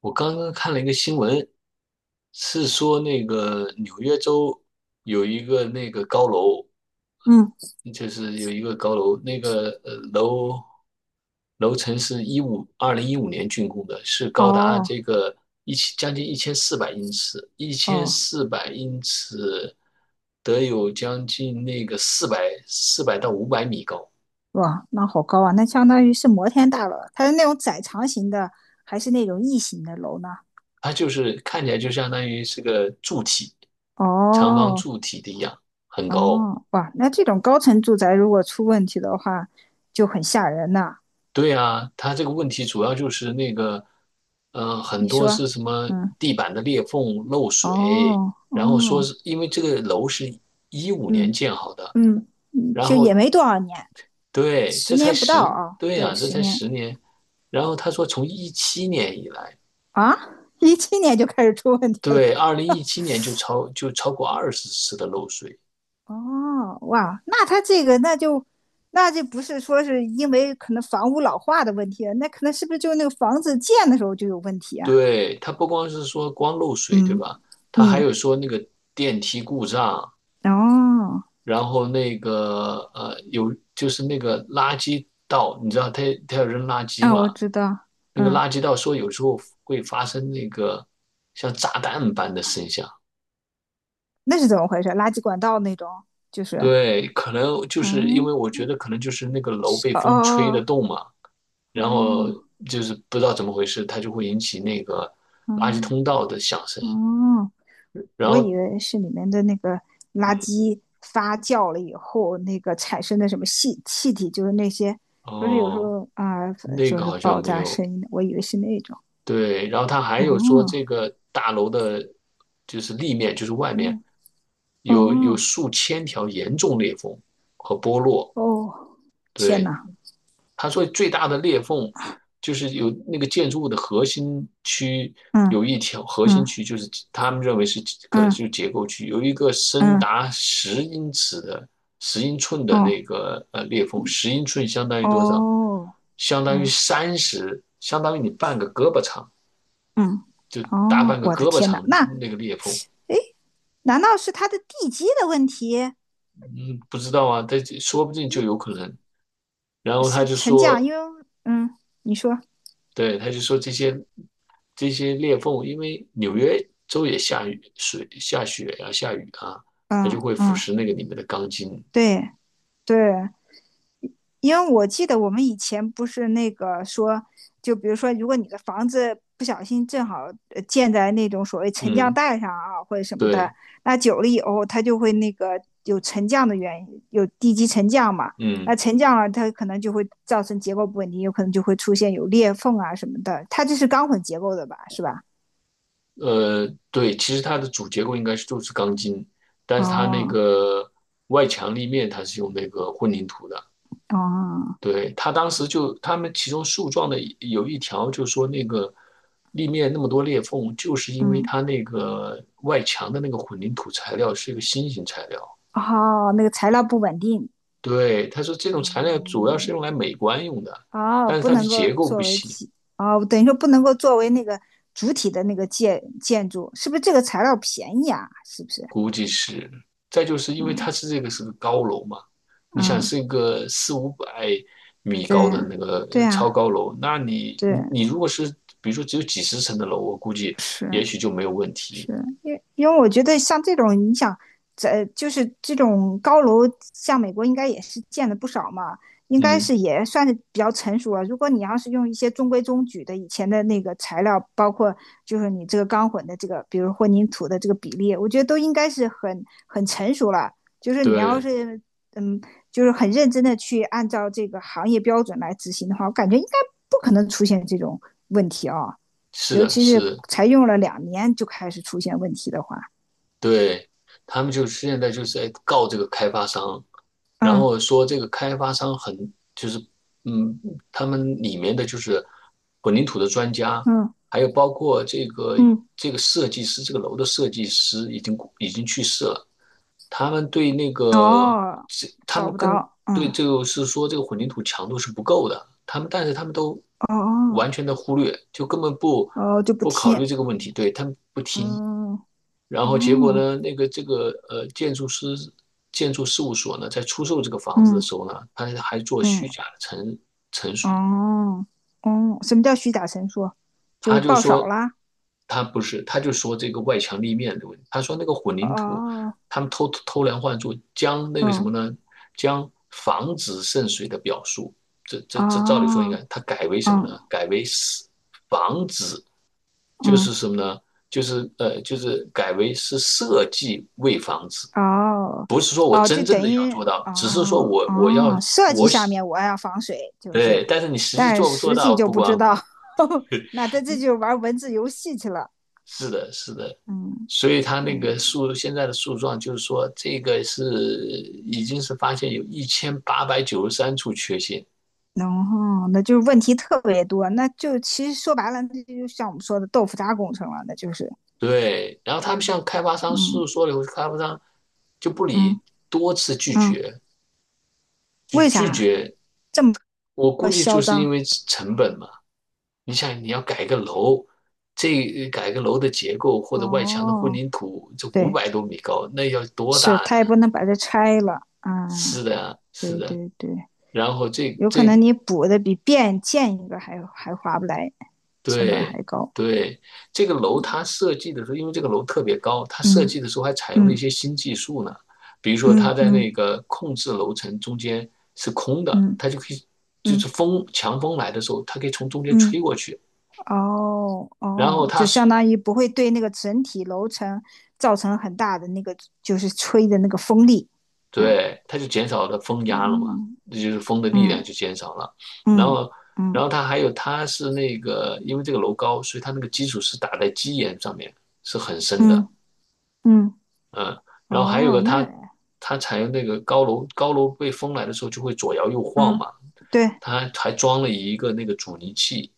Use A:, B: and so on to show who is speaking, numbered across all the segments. A: 我刚刚看了一个新闻，是说那个纽约州有一个那个高楼，
B: 嗯，
A: 就是有一个高楼，那个楼层是2015年竣工的，是高达
B: 哦
A: 这个将近一千四百英尺，一千
B: 哦，
A: 四百英尺得有将近那个400到500米高。
B: 哇，那好高啊！那相当于是摩天大楼，它是那种窄长型的，还是那种异形的楼呢？
A: 它就是看起来就相当于是个柱体，长方
B: 哦
A: 柱体的一样，很高。
B: 哦，哇，那这种高层住宅如果出问题的话，就很吓人呐、
A: 对啊，它这个问题主要就是那个，很
B: 你
A: 多
B: 说，
A: 是什么
B: 嗯，
A: 地板的裂缝漏水，
B: 哦
A: 然后说
B: 哦，
A: 是因为这个楼是一五年
B: 嗯
A: 建好的。
B: 嗯嗯，
A: 然
B: 就也
A: 后
B: 没多少年，
A: 对，
B: 十
A: 这才
B: 年不到
A: 十，
B: 啊，
A: 对
B: 对，
A: 呀，这
B: 十
A: 才
B: 年
A: 10年。然后他说从一七年以来。
B: 啊，17年就开始出问题了。
A: 对，2017年就超过20次的漏水。
B: 哦，哇，那他这个那就那就不是说是因为可能房屋老化的问题了，那可能是不是就是那个房子建的时候就有问题啊？
A: 对，它不光是说光漏水，对
B: 嗯
A: 吧？它还
B: 嗯，
A: 有说那个电梯故障，
B: 哦，
A: 然后那个就是那个垃圾道，你知道他要扔垃圾
B: 啊，我
A: 嘛？
B: 知道，
A: 那个
B: 嗯，
A: 垃圾道说有时候会发生那个像炸弹般的声响。
B: 那是怎么回事？垃圾管道那种，就是，
A: 对，可能就是因为
B: 嗯，
A: 我觉得可能就是那个楼被
B: 哦
A: 风吹得
B: 哦
A: 动嘛，然后
B: 哦
A: 就是不知道怎么回事，它就会引起那个垃圾通
B: 哦
A: 道的响声。
B: 哦哦，
A: 然
B: 我以
A: 后，
B: 为是里面的那个垃
A: 嗯，
B: 圾发酵了以后，那个产生的什么气气体，就是那些不是有时
A: 哦，
B: 候啊、
A: 那
B: 就
A: 个
B: 是
A: 好像
B: 爆
A: 没
B: 炸
A: 有。
B: 声音的，我以为是那种。
A: 对，然后他还有说这
B: 哦，
A: 个大楼的，就是立面，就是外面
B: 嗯，
A: 有
B: 哦，
A: 数千条严重裂缝和剥落。
B: 哦，天
A: 对，
B: 呐，
A: 他说最大的裂缝就是有那个建筑物的核心区，
B: 嗯
A: 有一条核心
B: 嗯
A: 区，就是他们认为是可能就
B: 嗯
A: 是结构区，有一个深
B: 嗯，
A: 达十英寸的那
B: 哦
A: 个裂缝。十英寸相当于多少？
B: 哦，嗯
A: 相当于你半个胳膊长，
B: 嗯
A: 就大
B: 哦，
A: 半个
B: 我
A: 胳
B: 的
A: 膊
B: 天呐，
A: 长
B: 那
A: 那个裂缝。
B: 难道是它的地基的问题？
A: 嗯，不知道啊，但说不定就
B: 一
A: 有可能。然后他
B: 是
A: 就
B: 沉降，
A: 说，
B: 因为你说，
A: 对，他就说这些裂缝，因为纽约州也下雨水下雪呀、下雨啊，它
B: 嗯
A: 就会腐
B: 嗯，
A: 蚀那个里面的钢筋。
B: 对对因为我记得我们以前不是那个说，就比如说，如果你的房子不小心正好建在那种所谓沉降
A: 嗯，
B: 带上啊，或者什么的，
A: 对，
B: 那久了以后它就会那个有沉降的原因，有地基沉降嘛。
A: 嗯，
B: 那沉降了，它可能就会造成结构不稳定，有可能就会出现有裂缝啊什么的。它这是钢混结构的吧？是吧？
A: 对，其实它的主结构应该是就是钢筋，但是它那
B: 哦
A: 个外墙立面它是用那个混凝土的。
B: 哦，
A: 对，他当时就他们其中诉状的有一条，就说那个立面那么多裂缝，就是因为
B: 嗯，
A: 它那个外墙的那个混凝土材料是一个新型材料。
B: 哦，那个材料不稳定。
A: 对，他说这种材料主要是
B: 嗯
A: 用来美观用的，
B: 哦，
A: 但是
B: 不
A: 它的
B: 能够
A: 结构不
B: 作为
A: 行，
B: 体，哦，等于说不能够作为那个主体的那个建筑，是不是这个材料便宜啊？是不是？
A: 估计是。再就是因为
B: 嗯
A: 它是这个是个高楼嘛，你想
B: 嗯，
A: 是一个4、500米
B: 对
A: 高的
B: 呀，
A: 那个
B: 对
A: 超
B: 啊，
A: 高楼，那
B: 对，
A: 你如果是比如说只有几十层的楼，我估计也
B: 是。
A: 许就没有问题。
B: 是因为我觉得像这种，你想，在就是这种高楼，像美国应该也是建的不少嘛，应该
A: 嗯，
B: 是也算是比较成熟了。如果你要是用一些中规中矩的以前的那个材料，包括就是你这个钢混的这个，比如混凝土的这个比例，我觉得都应该是很很成熟了。就是你要
A: 对，
B: 是嗯，就是很认真的去按照这个行业标准来执行的话，我感觉应该不可能出现这种问题啊、
A: 是
B: 尤
A: 的，
B: 其是
A: 是的。
B: 才用了2年就开始出现问题的话，
A: 对，他们就是现在就是在告这个开发商，然
B: 嗯
A: 后说这个开发商就是，嗯，他们里面的就是混凝土的专家，
B: 嗯
A: 还有包括这个
B: 嗯，
A: 设计师，这个楼的设计师已经去世了。他们对那个
B: 哦，
A: 他
B: 找
A: 们
B: 不
A: 跟
B: 到，
A: 对
B: 嗯，
A: 这个是说这个混凝土强度是不够的，但是他们都
B: 哦
A: 完全的忽略，就根本
B: 哦，就不
A: 不考虑
B: 听，
A: 这个问题，对，他们不听。
B: 嗯
A: 然后结果
B: 嗯
A: 呢，那个这个建筑事务所呢，在出售这个房子的
B: 嗯
A: 时候呢，他还做虚
B: 嗯
A: 假的陈述。
B: 哦哦，什么叫虚假陈述？就
A: 他
B: 是
A: 就
B: 报
A: 说
B: 少啦，
A: 他不是，他就说这个外墙立面的问题。他说那个混凝土，
B: 哦
A: 他们偷偷梁换柱，将那个什么
B: 哦
A: 呢？将防止渗水的表述，这照理说应
B: 哦
A: 该，他改为什么呢？
B: 嗯
A: 改为是防止，就是
B: 嗯
A: 什么呢？就是就是改为是设计为防止，
B: 哦
A: 不是说我
B: 哦，就
A: 真
B: 等
A: 正的要
B: 于
A: 做到，
B: 哦
A: 只是说我要
B: 哦，设计
A: 我
B: 上
A: 喜
B: 面我要防水，就是
A: 对，但是你实际
B: 但
A: 做不做
B: 实际
A: 到
B: 就
A: 不
B: 不知
A: 光。
B: 道，呵呵 那他这就玩文字游戏去了。
A: 是的，是的。
B: 嗯，
A: 所以他
B: 哎
A: 那个
B: 呀，
A: 现在的诉状，就是说这个是已经是发现有1893处缺陷。
B: 然后那就是问题特别多，那就其实说白了，那就就像我们说的豆腐渣工程了，那就是，
A: 对，然后他们向开发商诉
B: 嗯
A: 说了以后，开发商就不
B: 嗯
A: 理，多次拒
B: 嗯，
A: 绝，就
B: 为
A: 拒
B: 啥
A: 绝。
B: 这么
A: 我估计就
B: 嚣
A: 是因
B: 张？
A: 为成本嘛。你想，你要改个楼，这改个楼的结构或者外墙的混
B: 哦，
A: 凝土，这五
B: 对，
A: 百多米高，那要多
B: 是
A: 大呢？
B: 他也不能把它拆了
A: 是
B: 啊，
A: 的，是
B: 对
A: 的。
B: 对对，
A: 然后
B: 有可能你补的比变建一个还还划不来，成本
A: 对
B: 还高。
A: 对，这个楼它设计的时候，因为这个楼特别高，它设计
B: 嗯
A: 的时候还采用了一
B: 嗯
A: 些新技术呢。比如说，它
B: 嗯
A: 在那
B: 嗯
A: 个控制楼层中间是空的，
B: 嗯
A: 它就可以，就
B: 嗯嗯
A: 是
B: 嗯
A: 强风来的时候，它可以从中间吹
B: 嗯
A: 过去，
B: 哦
A: 然后
B: 哦，
A: 它
B: 就
A: 是
B: 相当于不会对那个整体楼层造成很大的那个，就是吹的那个风力。啊，
A: 对，它就减少了风压了嘛，
B: 嗯
A: 这就是风的力量
B: 嗯
A: 就减少了。然
B: 嗯
A: 后，然
B: 嗯
A: 后它还有，它是那个因为这个楼高，所以它那个基础是打在基岩上面，是很深的。
B: 嗯嗯，
A: 嗯，然后还有
B: 哦，
A: 个
B: 那
A: 它采用那个高楼被风来的时候就会左摇右晃
B: 嗯
A: 嘛。
B: 对，
A: 它还装了一个那个阻尼器，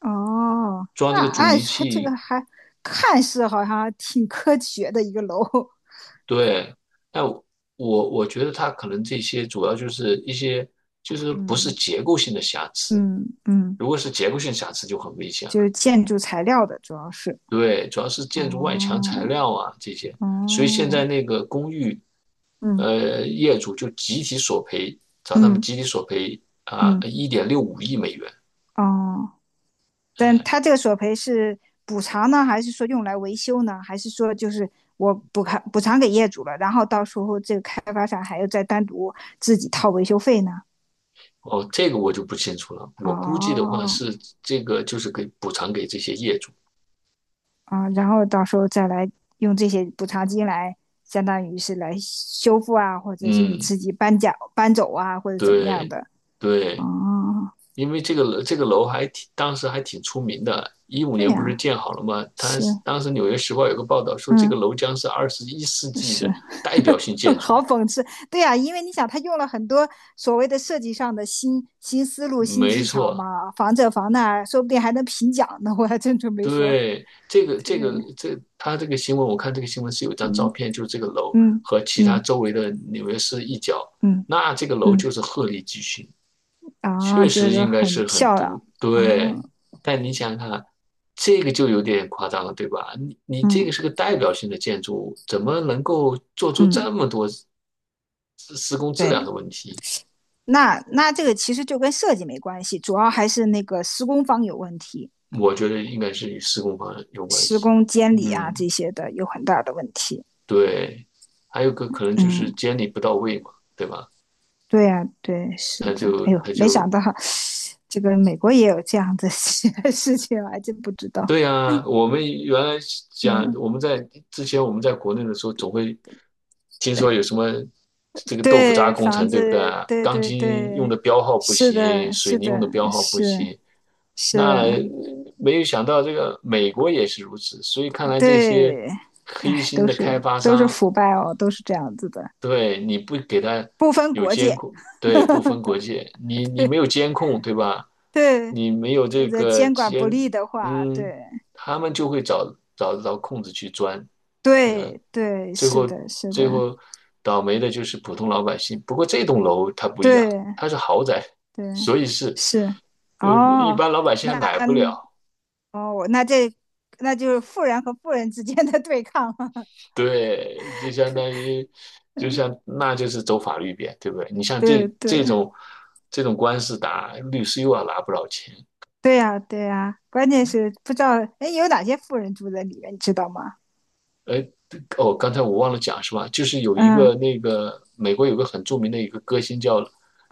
B: 哦，
A: 装
B: 那
A: 这个阻
B: 按
A: 尼
B: 说这个
A: 器，
B: 还看似好像挺科学的一个楼。
A: 对。但我觉得它可能这些主要就是一些就是不是
B: 嗯
A: 结构性的瑕疵，
B: 嗯嗯，
A: 如果是结构性瑕疵就很危险
B: 就
A: 了。
B: 是建筑材料的主要是。
A: 对，主要是
B: 哦
A: 建筑外墙材料啊这些。所以现在
B: 哦，
A: 那个公寓，
B: 嗯
A: 业主就集体索赔，找他们
B: 嗯
A: 集体索赔啊，
B: 嗯
A: 1.65亿美元。
B: 哦。但
A: 哎，
B: 他这个索赔是补偿呢，还是说用来维修呢？还是说就是我补偿给业主了，然后到时候这个开发商还要再单独自己掏维修费呢？
A: 哦，这个我就不清楚了，我估计的话
B: 哦，
A: 是这个就是给补偿给这些业主。
B: 啊，然后到时候再来用这些补偿金来，相当于是来修复啊，或者是你
A: 嗯，
B: 自己搬家搬走啊，或者怎么样
A: 对，
B: 的？
A: 对，
B: 哦，
A: 因为这个楼还挺，当时还挺出名的。一五
B: 对
A: 年不是
B: 呀、
A: 建好了吗？它
B: 是，
A: 当时《纽约时报》有个报道说，这个
B: 嗯，
A: 楼将是21世纪
B: 是，
A: 的代表性建 筑。
B: 好讽刺，对呀、因为你想，他用了很多所谓的设计上的新思路、新
A: 没
B: 技巧
A: 错，
B: 嘛，防这防那，说不定还能评奖呢。我还真准备说。
A: 对，这个这个
B: 对，
A: 这，他这个新闻，我看这个新闻是有一张照
B: 嗯
A: 片，就是这个楼
B: 嗯
A: 和其他
B: 嗯
A: 周围的纽约市一角，
B: 嗯
A: 那这个楼
B: 嗯，
A: 就是鹤立鸡群，
B: 啊，
A: 确
B: 就
A: 实
B: 是
A: 应该
B: 很
A: 是很
B: 漂亮
A: 独
B: 啊，
A: 对。但你想想看，这个就有点夸张了，对吧？你这
B: 嗯
A: 个是个代表性的建筑物，怎么能够做出这
B: 嗯，
A: 么多施工质
B: 对，
A: 量的问题？
B: 那那这个其实就跟设计没关系，主要还是那个施工方有问题，
A: 我觉得应该是与施工方有关
B: 施
A: 系。
B: 工监理啊
A: 嗯。
B: 这些的有很大的问题。
A: 对，还有个可能就是
B: 嗯，
A: 监理不到位嘛，对吧？
B: 对呀、啊对，是
A: 他
B: 的。
A: 就
B: 哎呦，
A: 他
B: 没
A: 就
B: 想到。这个美国也有这样的 事情，我还真不知道。
A: 对啊，我们原来讲
B: 嗯，
A: 我们在之前我们在国内的时候，总会听说有什么这个豆腐渣
B: 对，
A: 工
B: 房
A: 程，对不对
B: 子，
A: 啊？
B: 对
A: 钢
B: 对
A: 筋用
B: 对，
A: 的标号不
B: 是
A: 行，
B: 的，
A: 水
B: 是
A: 泥用
B: 的，
A: 的标号不
B: 是
A: 行。
B: 是
A: 那
B: 的，
A: 没有想到这个美国也是如此，所以看来这些
B: 对，
A: 黑
B: 哎，
A: 心
B: 都
A: 的
B: 是
A: 开发
B: 都是
A: 商。
B: 腐败哦，都是这样子的，
A: 对，你不给他
B: 不分
A: 有
B: 国
A: 监
B: 界，
A: 控，对，不分国界，你
B: 对
A: 没有监控，对吧？
B: 对，
A: 你没有
B: 或
A: 这
B: 者
A: 个
B: 监管不
A: 监，
B: 力的话，对
A: 嗯，他们就会找得到空子去钻，对吧？
B: 对对，
A: 最
B: 是
A: 后
B: 的，是的，
A: 最后倒霉的就是普通老百姓。不过这栋楼它不一样，
B: 对
A: 它是豪宅，
B: 对
A: 所以是
B: 是，
A: 呃，一
B: 哦，
A: 般老百姓还
B: 那
A: 买不了。
B: 哦，那这那就是富人和富人之间的对抗了。
A: 对，就相当于，就
B: 嗯，
A: 像那就是走法律边，对不对？你像
B: 对对
A: 这种官司打，律师又要拿不少钱。
B: 对呀，对呀，关键是不知道哎有哪些富人住在里面，你知道吗？
A: 哎，哦，刚才我忘了讲是吧？就是有一个
B: 嗯，
A: 那个美国有个很著名的一个歌星叫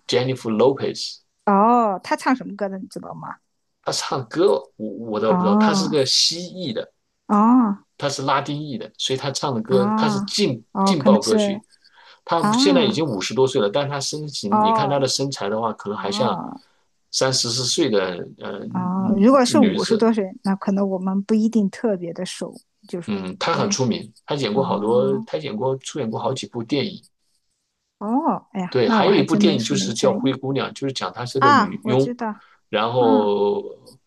A: Jennifer Lopez。
B: 哦，他唱什么歌的，你知道吗？
A: 她唱歌我倒不知道，她是
B: 哦
A: 个蜥蜴的，
B: 哦
A: 他是拉丁裔的，所以他唱的歌他是
B: 哦哦，
A: 劲
B: 可能
A: 爆歌
B: 是
A: 曲。他
B: 啊
A: 现在已经五十多岁了，但他身形，你看
B: 哦
A: 他的身材的话，可能还像
B: 哦
A: 三四十四岁的
B: 哦，如果是
A: 女
B: 五十
A: 子。
B: 多岁，那可能我们不一定特别的熟，就是
A: 嗯，她
B: 因
A: 很
B: 为
A: 出名，她演过好多，
B: 哦
A: 她演过出演过好几部电影。
B: 哦，哎呀，
A: 对，
B: 那
A: 还
B: 我
A: 有一
B: 还
A: 部
B: 真
A: 电
B: 的
A: 影就
B: 是没
A: 是叫
B: 在意
A: 《灰姑娘》，就是讲她是个
B: 啊，
A: 女
B: 我
A: 佣，
B: 知道，
A: 然
B: 嗯。
A: 后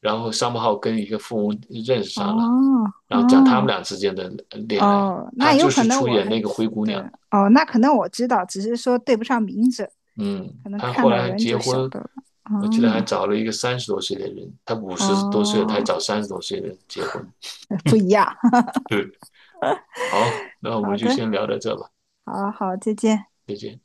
A: 然后商浩跟一个富翁认识
B: 哦
A: 上了，然后讲他们
B: 哦
A: 俩之间的恋爱。
B: 哦，
A: 她
B: 那有
A: 就
B: 可
A: 是
B: 能
A: 出
B: 我
A: 演
B: 还
A: 那个灰
B: 知
A: 姑
B: 对
A: 娘。
B: 哦，那可能我知道，只是说对不上名字，
A: 嗯，
B: 可能
A: 他
B: 看
A: 后
B: 到
A: 来还
B: 人
A: 结
B: 就晓
A: 婚，
B: 得了。哦
A: 我记得还找了一个三十多岁的人，他五十多岁了，他还
B: 哦，
A: 找三十多岁的人结婚。
B: 不一样。
A: 对，好，那我们
B: 好
A: 就
B: 的，
A: 先聊到这吧，
B: 好好，再见。
A: 再见。